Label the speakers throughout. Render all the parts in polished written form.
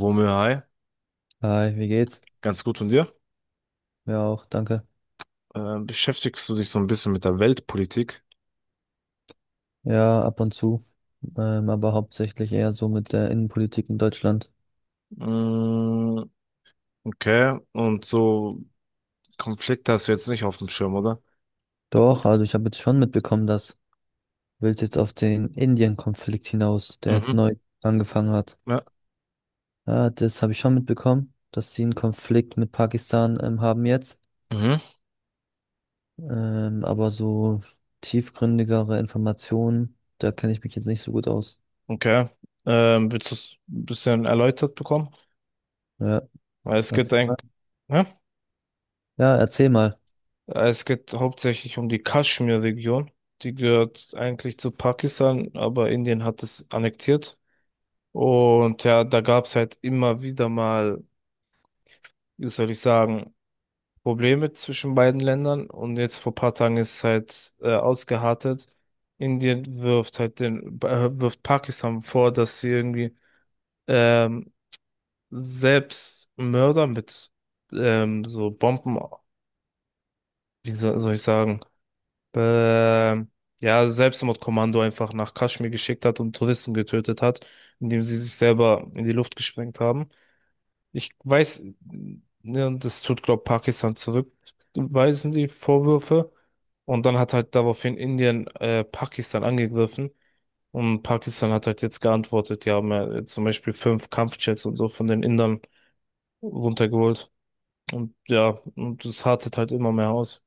Speaker 1: Womö, hi,
Speaker 2: Hi, wie geht's?
Speaker 1: ganz gut von dir.
Speaker 2: Ja, auch, danke.
Speaker 1: Beschäftigst du dich so ein bisschen mit der Weltpolitik?
Speaker 2: Ja, ab und zu, aber hauptsächlich eher so mit der Innenpolitik in Deutschland.
Speaker 1: Mm, okay, und so Konflikte hast du jetzt nicht auf dem Schirm, oder?
Speaker 2: Doch, also ich habe jetzt schon mitbekommen, dass willst jetzt auf den Indien-Konflikt hinaus, der jetzt
Speaker 1: Mhm,
Speaker 2: neu angefangen hat.
Speaker 1: ja,
Speaker 2: Ja, das habe ich schon mitbekommen, dass sie einen Konflikt mit Pakistan haben jetzt.
Speaker 1: mhm,
Speaker 2: Aber so tiefgründigere Informationen, da kenne ich mich jetzt nicht so gut aus.
Speaker 1: okay. Willst du es ein bisschen erläutert bekommen?
Speaker 2: Ja,
Speaker 1: Weil es geht
Speaker 2: erzähl
Speaker 1: ein,
Speaker 2: mal.
Speaker 1: ja?
Speaker 2: Ja, erzähl mal.
Speaker 1: Es geht hauptsächlich um die Kaschmir-Region. Die gehört eigentlich zu Pakistan, aber Indien hat es annektiert. Und ja, da gab es halt immer wieder mal, wie soll ich sagen, Probleme zwischen beiden Ländern und jetzt vor paar Tagen ist halt ausgeartet. Indien wirft halt wirft Pakistan vor, dass sie irgendwie ähm, selbst Mörder mit so Bomben, soll ich sagen, ähm, ja, Selbstmordkommando einfach nach Kaschmir geschickt hat und Touristen getötet hat, indem sie sich selber in die Luft gesprengt haben. Ich weiß, ne, und das tut, glaube Pakistan zurückweisen, die Vorwürfe. Und dann hat halt daraufhin Indien Pakistan angegriffen. Und Pakistan hat halt jetzt geantwortet, die haben zum Beispiel fünf Kampfjets und so von den Indern runtergeholt. Und ja, und das hartet halt immer mehr aus.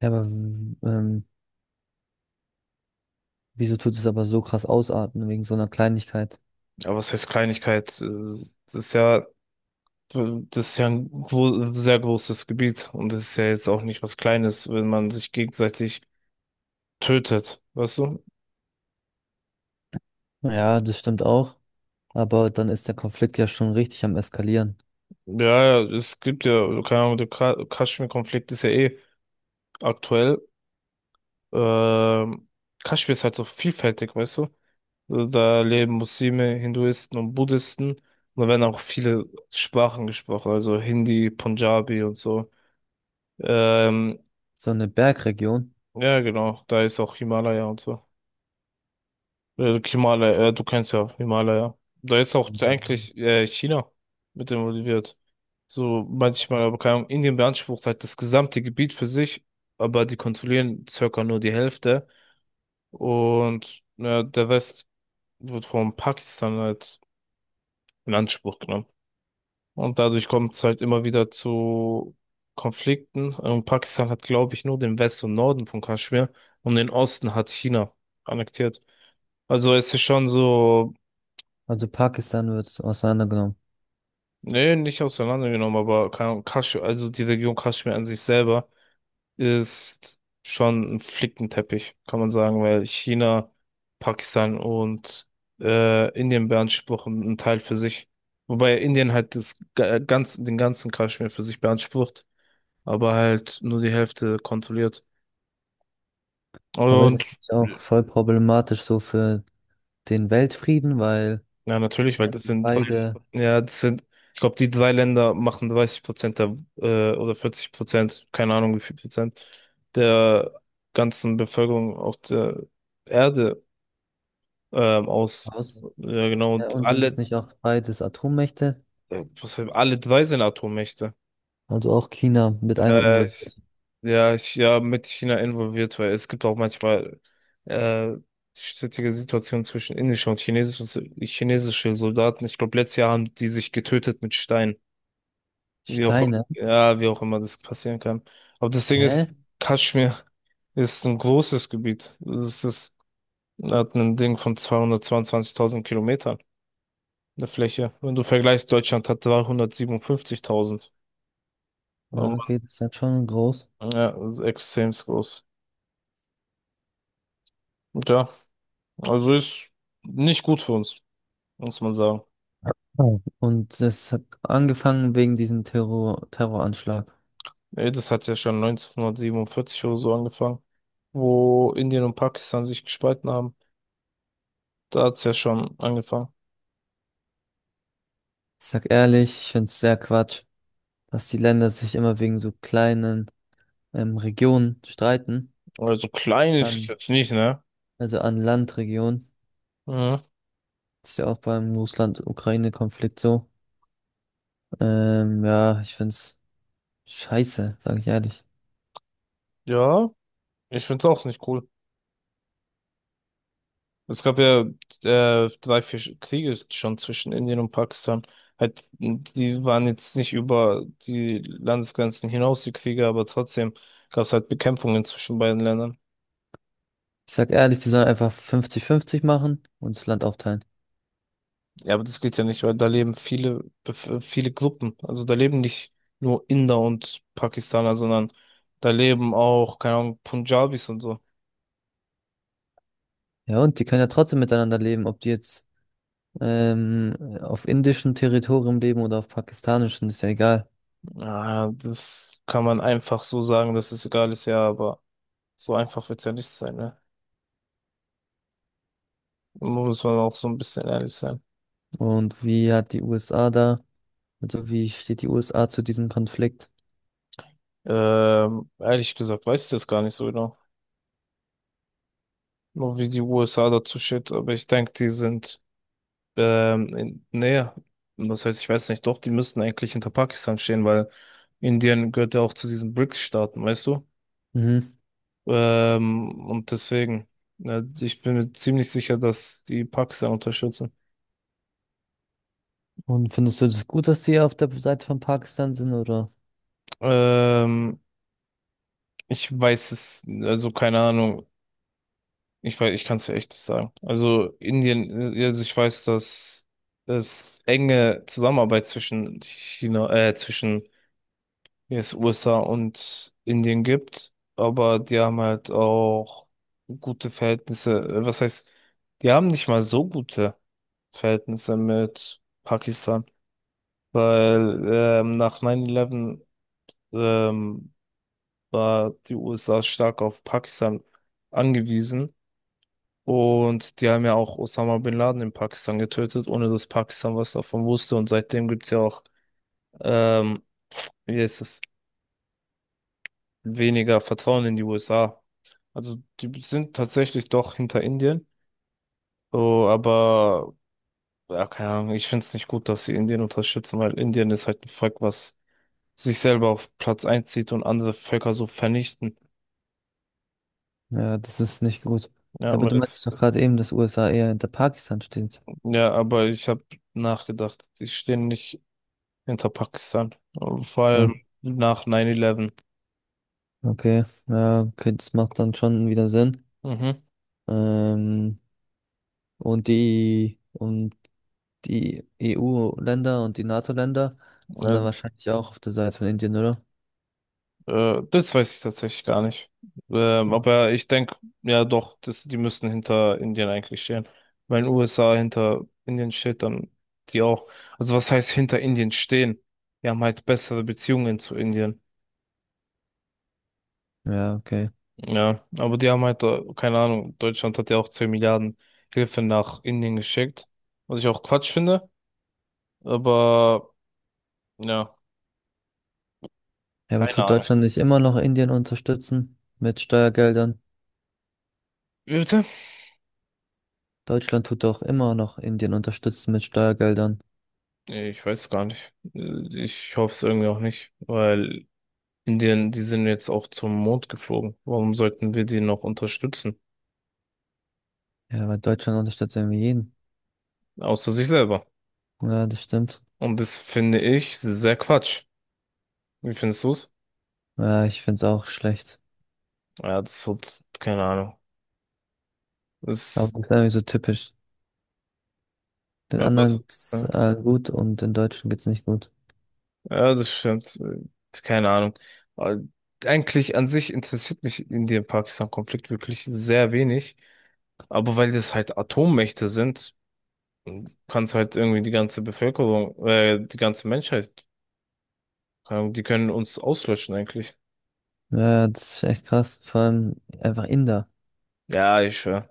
Speaker 2: Ja, aber wieso tut es aber so krass ausarten wegen so einer Kleinigkeit?
Speaker 1: Aber was heißt Kleinigkeit? Das ist ja ein gro sehr großes Gebiet. Und das ist ja jetzt auch nicht was Kleines, wenn man sich gegenseitig tötet. Weißt du?
Speaker 2: Ja, das stimmt auch. Aber dann ist der Konflikt ja schon richtig am Eskalieren.
Speaker 1: Ja, ja, es gibt ja, also keine Ahnung, der Kaschmir-Konflikt ist ja eh aktuell. Ähm, Kaschmir ist halt so vielfältig, weißt du? Also da leben Muslime, Hinduisten und Buddhisten. Und da werden auch viele Sprachen gesprochen, also Hindi, Punjabi und so. Ähm,
Speaker 2: So eine Bergregion.
Speaker 1: ja, genau, da ist auch Himalaya und so. Okay, Himalaya, du kennst ja Himalaya. Da ist auch
Speaker 2: Mhm.
Speaker 1: eigentlich China mit involviert. So manchmal, aber keine Ahnung, Indien beansprucht halt das gesamte Gebiet für sich, aber die kontrollieren circa nur die Hälfte. Und ja, der Rest wird von Pakistan halt in Anspruch genommen. Und dadurch kommt es halt immer wieder zu Konflikten. Und Pakistan hat, glaube ich, nur den West und Norden von Kaschmir und den Osten hat China annektiert. Also es ist schon so.
Speaker 2: Also Pakistan wird auseinandergenommen.
Speaker 1: Nee, nicht auseinandergenommen, aber keine Ahnung, Kasch, also die Region Kaschmir an sich selber ist schon ein Flickenteppich, kann man sagen, weil China, Pakistan und Indien beanspruchen einen Teil für sich. Wobei Indien halt das ganz, den ganzen Kaschmir für sich beansprucht, aber halt nur die Hälfte kontrolliert.
Speaker 2: Aber
Speaker 1: Und ja.
Speaker 2: ist nicht auch voll problematisch so für den Weltfrieden, weil
Speaker 1: Ja, natürlich, weil das sind,
Speaker 2: beide
Speaker 1: ja, das sind, ich glaube, die drei Länder machen 30% der, oder 40%, keine Ahnung wie viel Prozent der ganzen Bevölkerung auf der Erde, aus.
Speaker 2: aus
Speaker 1: Ja, genau, und
Speaker 2: und sind es
Speaker 1: alle,
Speaker 2: nicht auch beides Atommächte?
Speaker 1: was, alle drei sind Atommächte.
Speaker 2: Also auch China mit einem
Speaker 1: Äh, ich,
Speaker 2: involviert.
Speaker 1: ja, ich, ja, mit China involviert, weil es gibt auch manchmal, äh, strittige Situationen zwischen indischer und chinesischer, chinesische Soldaten. Ich glaube, letztes Jahr haben die sich getötet mit Steinen. Wie auch,
Speaker 2: Steine?
Speaker 1: ja, wie auch immer das passieren kann. Aber das Ding ist,
Speaker 2: Hä?
Speaker 1: Kaschmir ist ein großes Gebiet. Es ist, hat ein Ding von 222.000 Kilometern, eine Fläche. Wenn du vergleichst, Deutschland hat 357.000.
Speaker 2: Ja,
Speaker 1: Ähm,
Speaker 2: okay, das ist dann schon groß.
Speaker 1: ja, das ist extrem groß. Und ja, also ist nicht gut für uns, muss man sagen.
Speaker 2: Oh. Und das hat angefangen wegen diesem Terroranschlag.
Speaker 1: Ey, das hat ja schon 1947 oder so angefangen, wo Indien und Pakistan sich gespalten haben. Da hat's ja schon angefangen.
Speaker 2: Ich sag ehrlich, ich find's sehr Quatsch, dass die Länder sich immer wegen so kleinen Regionen streiten.
Speaker 1: Aber so klein ist es
Speaker 2: An,
Speaker 1: jetzt nicht, ne?
Speaker 2: also an Landregionen.
Speaker 1: Mhm.
Speaker 2: Das ist ja auch beim Russland-Ukraine-Konflikt so. Ja, ich find's scheiße, sage ich ehrlich.
Speaker 1: Ja, ich find's auch nicht cool. Es gab ja drei, vier Kriege schon zwischen Indien und Pakistan. Halt, die waren jetzt nicht über die Landesgrenzen hinaus, die Kriege, aber trotzdem gab's halt Bekämpfungen zwischen beiden Ländern.
Speaker 2: Ich sag ehrlich, die sollen einfach 50:50 machen und das Land aufteilen.
Speaker 1: Ja, aber das geht ja nicht, weil da leben viele, viele Gruppen. Also da leben nicht nur Inder und Pakistaner, sondern da leben auch, keine Ahnung, Punjabis und so.
Speaker 2: Ja, und die können ja trotzdem miteinander leben, ob die jetzt auf indischem Territorium leben oder auf pakistanischem, ist ja egal.
Speaker 1: Ah, das kann man einfach so sagen, dass es egal ist, ja, aber so einfach wird's ja nicht sein, ne? Muss man auch so ein bisschen ehrlich sein.
Speaker 2: Und wie hat die USA da, also wie steht die USA zu diesem Konflikt?
Speaker 1: Ehrlich gesagt, weiß ich das gar nicht so genau. Nur wie die USA dazu steht, aber ich denke, die sind in näher. Das heißt, ich weiß nicht, doch, die müssten eigentlich hinter Pakistan stehen, weil Indien gehört ja auch zu diesen BRICS-Staaten, weißt du?
Speaker 2: Mhm.
Speaker 1: Und deswegen, ne, ich bin mir ziemlich sicher, dass die Pakistan unterstützen.
Speaker 2: Und findest du das gut, dass die auf der Seite von Pakistan sind, oder?
Speaker 1: Ähm, Ich weiß es, also keine Ahnung. Ich weiß, ich kann es echt nicht sagen. Also Indien, also ich weiß, dass es enge Zusammenarbeit zwischen zwischen jetzt USA und Indien gibt, aber die haben halt auch gute Verhältnisse. Was heißt, die haben nicht mal so gute Verhältnisse mit Pakistan, weil nach 9/11 ähm, war die USA stark auf Pakistan angewiesen. Und die haben ja auch Osama Bin Laden in Pakistan getötet, ohne dass Pakistan was davon wusste. Und seitdem gibt's ja auch, ähm, wie heißt es, weniger Vertrauen in die USA. Also die sind tatsächlich doch hinter Indien. So, aber ja, keine Ahnung, ich finde es nicht gut, dass sie Indien unterstützen, weil Indien ist halt ein Volk, was sich selber auf Platz einzieht und andere Völker so vernichten.
Speaker 2: Ja, das ist nicht gut.
Speaker 1: Ja,
Speaker 2: Aber
Speaker 1: aber
Speaker 2: du
Speaker 1: das,
Speaker 2: meinst doch gerade eben, dass USA eher hinter Pakistan steht.
Speaker 1: ja, aber ich habe nachgedacht, die stehen nicht hinter Pakistan. Vor
Speaker 2: Ja,
Speaker 1: allem nach 9/11.
Speaker 2: okay. Ja, okay, das macht dann schon wieder Sinn.
Speaker 1: Mhm.
Speaker 2: Ähm, und die EU-Länder und die NATO-Länder sind
Speaker 1: Ja,
Speaker 2: dann wahrscheinlich auch auf der Seite von Indien, oder?
Speaker 1: das weiß ich tatsächlich gar nicht. Aber ich denke, ja doch, das, die müssen hinter Indien eigentlich stehen. Wenn USA hinter Indien steht, dann die auch. Also was heißt hinter Indien stehen? Die haben halt bessere Beziehungen zu Indien.
Speaker 2: Ja, okay.
Speaker 1: Ja, aber die haben halt, keine Ahnung, Deutschland hat ja auch 10 Milliarden Hilfe nach Indien geschickt. Was ich auch Quatsch finde. Aber ja,
Speaker 2: Ja, aber
Speaker 1: keine
Speaker 2: tut
Speaker 1: Ahnung.
Speaker 2: Deutschland nicht immer noch Indien unterstützen mit Steuergeldern?
Speaker 1: Wie bitte?
Speaker 2: Deutschland tut doch immer noch Indien unterstützen mit Steuergeldern.
Speaker 1: Nee, ich weiß gar nicht. Ich hoffe es irgendwie auch nicht, weil Indien, die sind jetzt auch zum Mond geflogen. Warum sollten wir die noch unterstützen?
Speaker 2: Ja, weil Deutschland unterstützt irgendwie jeden.
Speaker 1: Außer sich selber.
Speaker 2: Ja, das stimmt.
Speaker 1: Und das finde ich sehr Quatsch. Wie findest du's?
Speaker 2: Ja, ich find's auch schlecht.
Speaker 1: Ja, das hat keine Ahnung.
Speaker 2: Aber
Speaker 1: Das,
Speaker 2: das ist irgendwie so typisch. Den
Speaker 1: ja,
Speaker 2: anderen
Speaker 1: was?
Speaker 2: geht's
Speaker 1: Ja,
Speaker 2: gut und den Deutschen geht's nicht gut.
Speaker 1: ja, das stimmt. Keine Ahnung. Aber eigentlich an sich interessiert mich Indien-Pakistan-Konflikt wirklich sehr wenig. Aber weil das halt Atommächte sind, kann es halt irgendwie die ganze Bevölkerung, die ganze Menschheit, keine Ahnung, die können uns auslöschen eigentlich.
Speaker 2: Ja, das ist echt krass. Vor allem einfach Inder.
Speaker 1: Ja, ich schwör.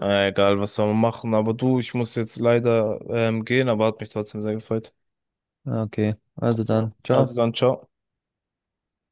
Speaker 1: Egal, was soll man machen. Aber du, ich muss jetzt leider gehen, aber hat mich trotzdem sehr gefreut.
Speaker 2: Ja, okay, also
Speaker 1: Ja.
Speaker 2: dann,
Speaker 1: Also
Speaker 2: ciao.
Speaker 1: dann, ciao.